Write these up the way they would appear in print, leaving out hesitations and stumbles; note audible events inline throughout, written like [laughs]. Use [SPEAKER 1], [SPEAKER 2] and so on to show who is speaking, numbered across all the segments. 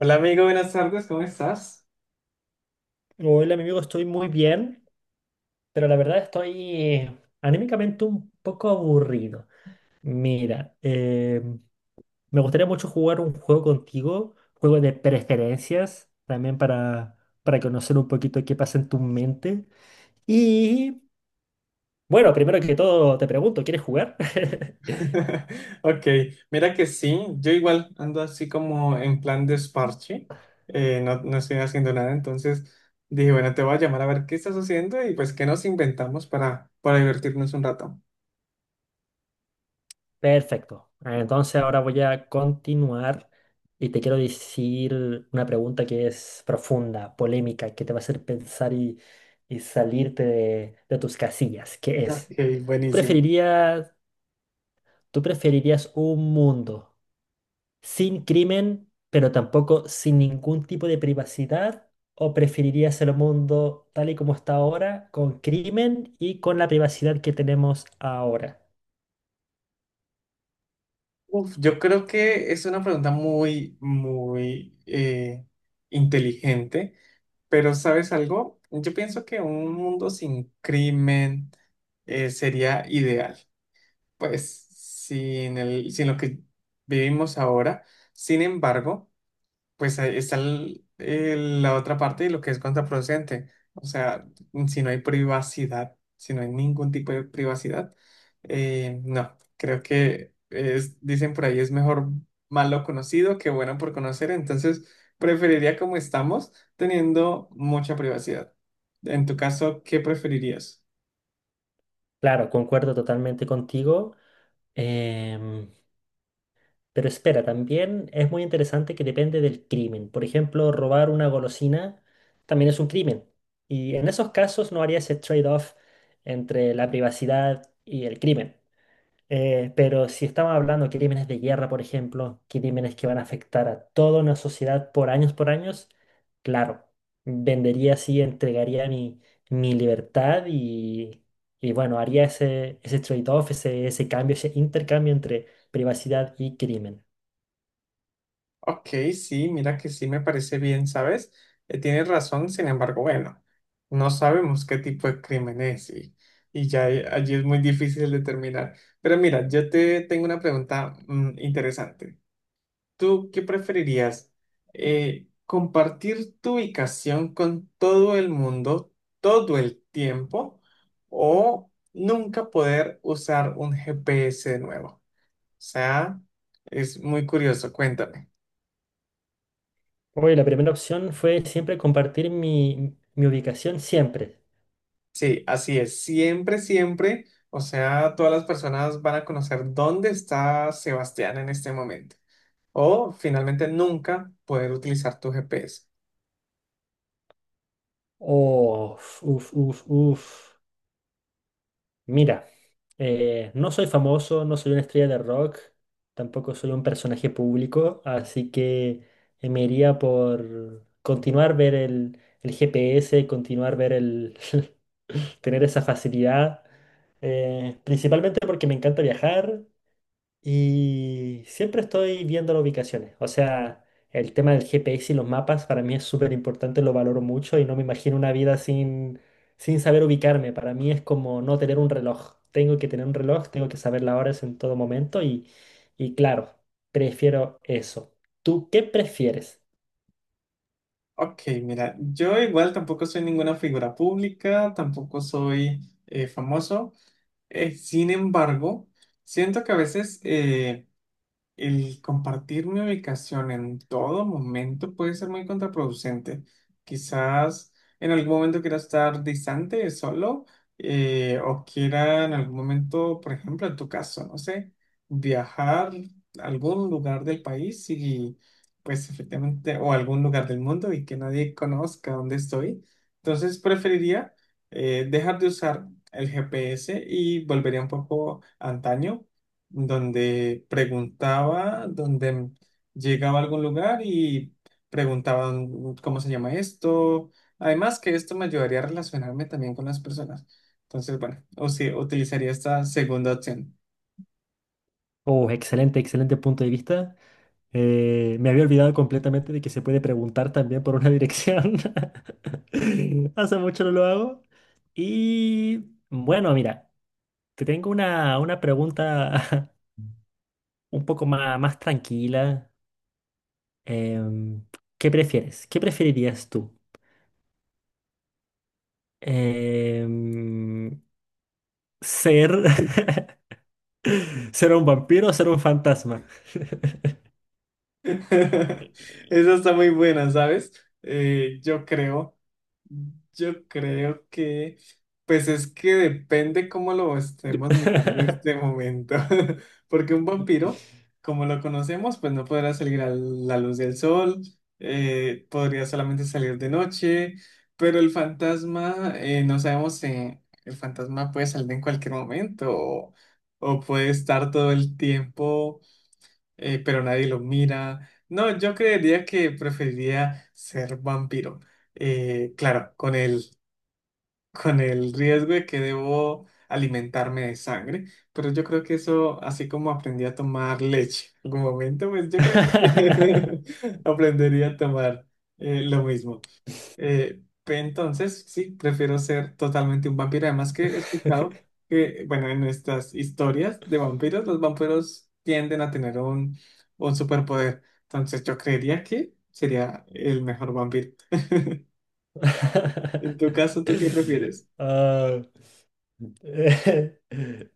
[SPEAKER 1] Hola amigo, buenas tardes, ¿cómo estás?
[SPEAKER 2] Hola, mi amigo, estoy muy bien, pero la verdad estoy anímicamente un poco aburrido. Mira, me gustaría mucho jugar un juego contigo, juego de preferencias, también para conocer un poquito qué pasa en tu mente. Y bueno, primero que todo te pregunto, ¿quieres jugar? [laughs]
[SPEAKER 1] [laughs] Ok, mira que sí, yo igual ando así como en plan desparche, no, estoy haciendo nada, entonces dije, bueno, te voy a llamar a ver qué estás haciendo y pues qué nos inventamos para divertirnos un rato.
[SPEAKER 2] Perfecto. Entonces ahora voy a continuar y te quiero decir una pregunta que es profunda, polémica, que te va a hacer pensar y salirte de tus casillas, que es,
[SPEAKER 1] Ok,
[SPEAKER 2] ¿tú
[SPEAKER 1] buenísimo.
[SPEAKER 2] preferirías, ¿tú preferirías un mundo sin crimen, pero tampoco sin ningún tipo de privacidad? ¿O preferirías el mundo tal y como está ahora, con crimen y con la privacidad que tenemos ahora?
[SPEAKER 1] Uf, yo creo que es una pregunta muy inteligente, pero ¿sabes algo? Yo pienso que un mundo sin crimen sería ideal. Pues sin lo que vivimos ahora. Sin embargo, pues ahí está la otra parte de lo que es contraproducente. O sea, si no hay ningún tipo de privacidad, no, creo que es, dicen por ahí es mejor malo conocido que bueno por conocer. Entonces, preferiría como estamos, teniendo mucha privacidad. En tu caso, ¿qué preferirías?
[SPEAKER 2] Claro, concuerdo totalmente contigo. Em, pero espera, también es muy interesante que depende del crimen. Por ejemplo, robar una golosina también es un crimen. Y en esos casos no haría ese trade-off entre la privacidad y el crimen. Pero si estamos hablando de crímenes de guerra, por ejemplo, crímenes que van a afectar a toda una sociedad por años, claro, vendería así, entregaría mi libertad y bueno, haría ese trade-off, ese cambio, ese intercambio entre privacidad y crimen.
[SPEAKER 1] Ok, sí, mira que sí me parece bien, ¿sabes? Tienes razón, sin embargo, bueno, no sabemos qué tipo de crimen y ya allí es muy difícil determinar. Pero mira, yo te tengo una pregunta interesante. ¿Tú qué preferirías? ¿Compartir tu ubicación con todo el mundo todo el tiempo o nunca poder usar un GPS de nuevo? O sea, es muy curioso, cuéntame.
[SPEAKER 2] Oye, la primera opción fue siempre compartir mi ubicación, siempre.
[SPEAKER 1] Sí, así es. Siempre, siempre, o sea, todas las personas van a conocer dónde está Sebastián en este momento. O finalmente nunca poder utilizar tu GPS.
[SPEAKER 2] Oh, uf, uf, uf. Mira, no soy famoso, no soy una estrella de rock, tampoco soy un personaje público, así que me iría por continuar ver el GPS, continuar ver el, [laughs] tener esa facilidad, principalmente porque me encanta viajar, y siempre estoy viendo las ubicaciones. O sea, el tema del GPS y los mapas para mí es súper importante, lo valoro mucho y no me imagino una vida sin saber ubicarme. Para mí es como no tener un reloj. Tengo que tener un reloj, tengo que saber las horas en todo momento y claro, prefiero eso. ¿Tú qué prefieres?
[SPEAKER 1] Ok, mira, yo igual tampoco soy ninguna figura pública, tampoco soy famoso. Sin embargo, siento que a veces... el compartir mi ubicación en todo momento puede ser muy contraproducente. Quizás en algún momento quiera estar distante, solo, o quiera en algún momento, por ejemplo, en tu caso, no sé, viajar a algún lugar del país y pues efectivamente, o algún lugar del mundo y que nadie conozca dónde estoy. Entonces preferiría dejar de usar el GPS y volvería un poco antaño donde preguntaba, donde llegaba a algún lugar y preguntaba "Mm, cómo se llama esto". Además que esto me ayudaría a relacionarme también con las personas. Entonces, bueno, o si utilizaría esta segunda opción.
[SPEAKER 2] Oh, excelente, excelente punto de vista. Me había olvidado completamente de que se puede preguntar también por una dirección. [laughs] Hace mucho no lo hago. Y bueno, mira, te tengo una pregunta [laughs] un poco más tranquila. Em, ¿Qué prefieres? ¿Qué preferirías tú? Em, ¿ser, [laughs] ¿ser un vampiro o ser un fantasma?
[SPEAKER 1] [laughs] Esa está muy buena, ¿sabes? Eh, yo creo, yo creo que, pues es que depende cómo lo estemos mirando en este
[SPEAKER 2] [laughs]
[SPEAKER 1] momento, [laughs] porque un vampiro, como lo conocemos, pues no podrá salir a la luz del sol, podría solamente salir de noche, pero el fantasma, no sabemos, el fantasma puede salir en cualquier momento o puede estar todo el tiempo pero nadie los mira. No, yo creería que preferiría ser vampiro. Claro, con el, [laughs] con el riesgo de que debo alimentarme de sangre, pero yo creo que eso, así como aprendí a tomar leche en algún momento, pues yo creo que
[SPEAKER 2] [laughs]
[SPEAKER 1] [laughs] aprendería a tomar lo mismo. Entonces, sí, prefiero ser totalmente un vampiro. Además que he escuchado que, bueno, en estas historias de vampiros, los vampiros tienden a tener un superpoder. Entonces, yo creería que sería el mejor vampiro. En tu caso, ¿tú qué prefieres?
[SPEAKER 2] Ah, Eh, [laughs]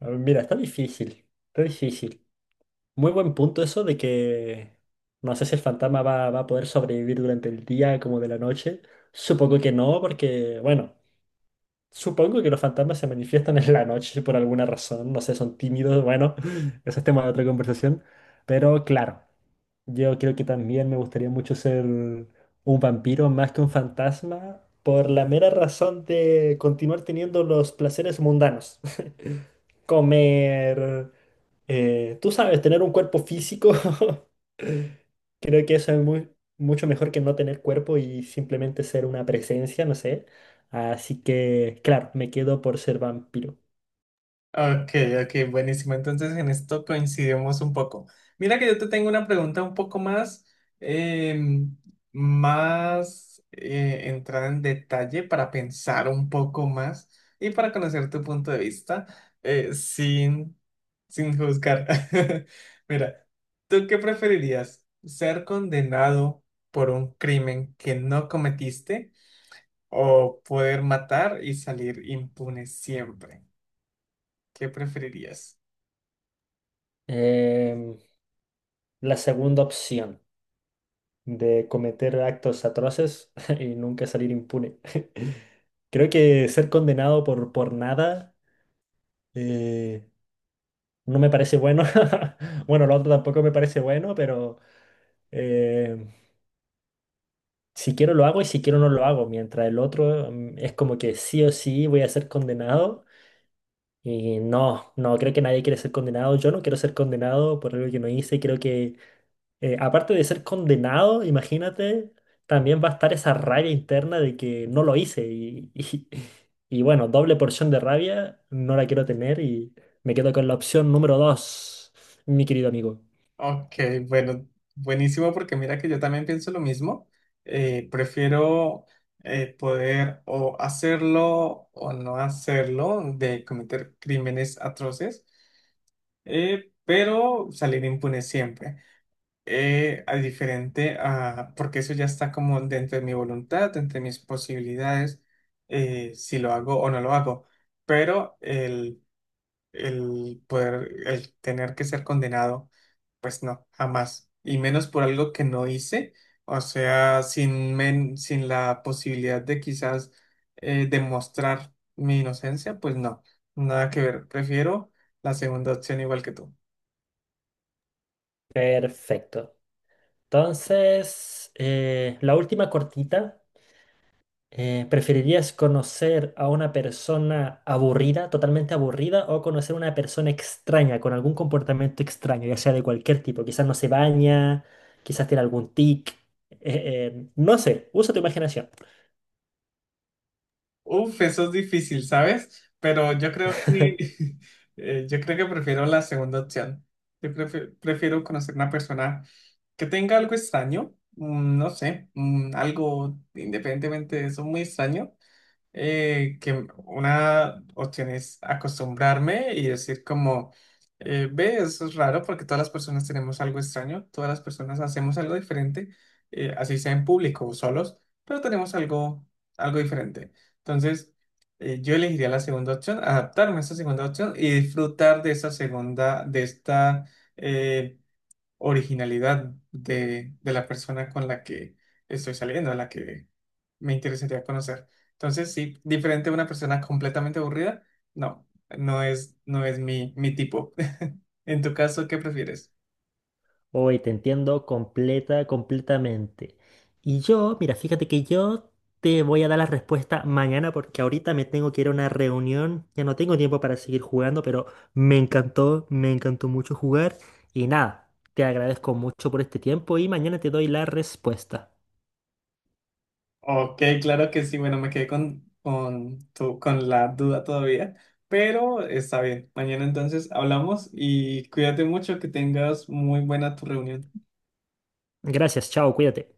[SPEAKER 2] A ver, mira, está difícil, está difícil. Muy buen punto eso de que no sé si el fantasma va a poder sobrevivir durante el día como de la noche. Supongo que no, porque, bueno, supongo que los fantasmas se manifiestan en la noche por alguna razón. No sé, son tímidos, bueno, [laughs] eso es tema de otra conversación. Pero claro. Yo creo que también me gustaría mucho ser un vampiro más que un fantasma por la mera razón de continuar teniendo los placeres mundanos. [laughs] Comer, tú sabes, tener un cuerpo físico. [laughs] Creo que eso es mucho mejor que no tener cuerpo y simplemente ser una presencia, no sé. Así que, claro, me quedo por ser vampiro.
[SPEAKER 1] Ok, ok, buenísimo. Entonces en esto coincidimos un poco. Mira que yo te tengo una pregunta un poco más, em, más entrada en detalle para pensar un poco más y para conocer tu punto de vista eh, sin, sin juzgar. [laughs] Mira, ¿tú qué preferirías? ¿Ser condenado por un crimen que no cometiste o poder matar y salir impune siempre? ¿Qué preferirías?
[SPEAKER 2] Em, la segunda opción de cometer actos atroces [laughs] y nunca salir impune. Creo que ser condenado por nada eh, no me parece bueno. [laughs] Bueno, lo otro tampoco me parece bueno, pero eh, si quiero lo hago y si quiero no lo hago. Mientras el otro mm, es como que sí o sí voy a ser condenado. Y no, no, creo que nadie quiere ser condenado. Yo no quiero ser condenado por algo que no hice. Creo que aparte de ser condenado, imagínate, también va a estar esa rabia interna de que no lo hice. [laughs] Y bueno, doble porción de rabia, no la quiero tener y me quedo con la opción número 2, mi querido amigo.
[SPEAKER 1] Ok, bueno, buenísimo porque mira que yo también pienso lo mismo. Prefiero poder o hacerlo o no hacerlo de cometer crímenes atroces, pero salir impune siempre. Porque eso ya está como dentro de mi voluntad, dentro de mis posibilidades, si lo hago o no lo hago. Pero el poder, el tener que ser condenado. Pues no, jamás. Y menos por algo que no hice. O sea, sin la posibilidad de quizás demostrar mi inocencia, pues no. Nada que ver. Prefiero la segunda opción igual que tú.
[SPEAKER 2] Perfecto. Entonces, la última cortita. ¿Preferirías conocer a una persona aburrida, totalmente aburrida, o conocer a una persona extraña, con algún comportamiento extraño, ya sea de cualquier tipo? Quizás no se baña, quizás tiene algún tic, eh, no sé, usa tu imaginación.
[SPEAKER 1] Uf, eso es difícil, ¿sabes? Pero yo creo que
[SPEAKER 2] [laughs]
[SPEAKER 1] [laughs] yo creo que prefiero la segunda opción. Yo prefiero conocer una persona que tenga algo extraño, no sé, algo independientemente de eso, muy extraño que una opción es acostumbrarme y decir como, ve, eso es raro porque todas las personas tenemos algo extraño, todas las personas hacemos algo diferente, así sea en público o solos, pero tenemos algo diferente. Entonces, yo elegiría la segunda opción, adaptarme a esa segunda opción y disfrutar de esa segunda, de esta... eh, originalidad de la persona con la que estoy saliendo, a la que me interesaría conocer. Entonces, sí, diferente a una persona completamente aburrida, no, no es mi tipo. [laughs] En tu caso, ¿qué prefieres?
[SPEAKER 2] Hoy te entiendo completa, completamente. Y yo, mira, fíjate que yo te voy a dar la respuesta mañana porque ahorita me tengo que ir a una reunión. Ya no tengo tiempo para seguir jugando, pero me encantó mucho jugar. Y nada, te agradezco mucho por este tiempo y mañana te doy la respuesta.
[SPEAKER 1] Ok, claro que sí. Bueno, me quedé con la duda todavía, pero está bien. Mañana entonces hablamos y cuídate mucho, que tengas muy buena tu reunión.
[SPEAKER 2] Gracias, chao, cuídate.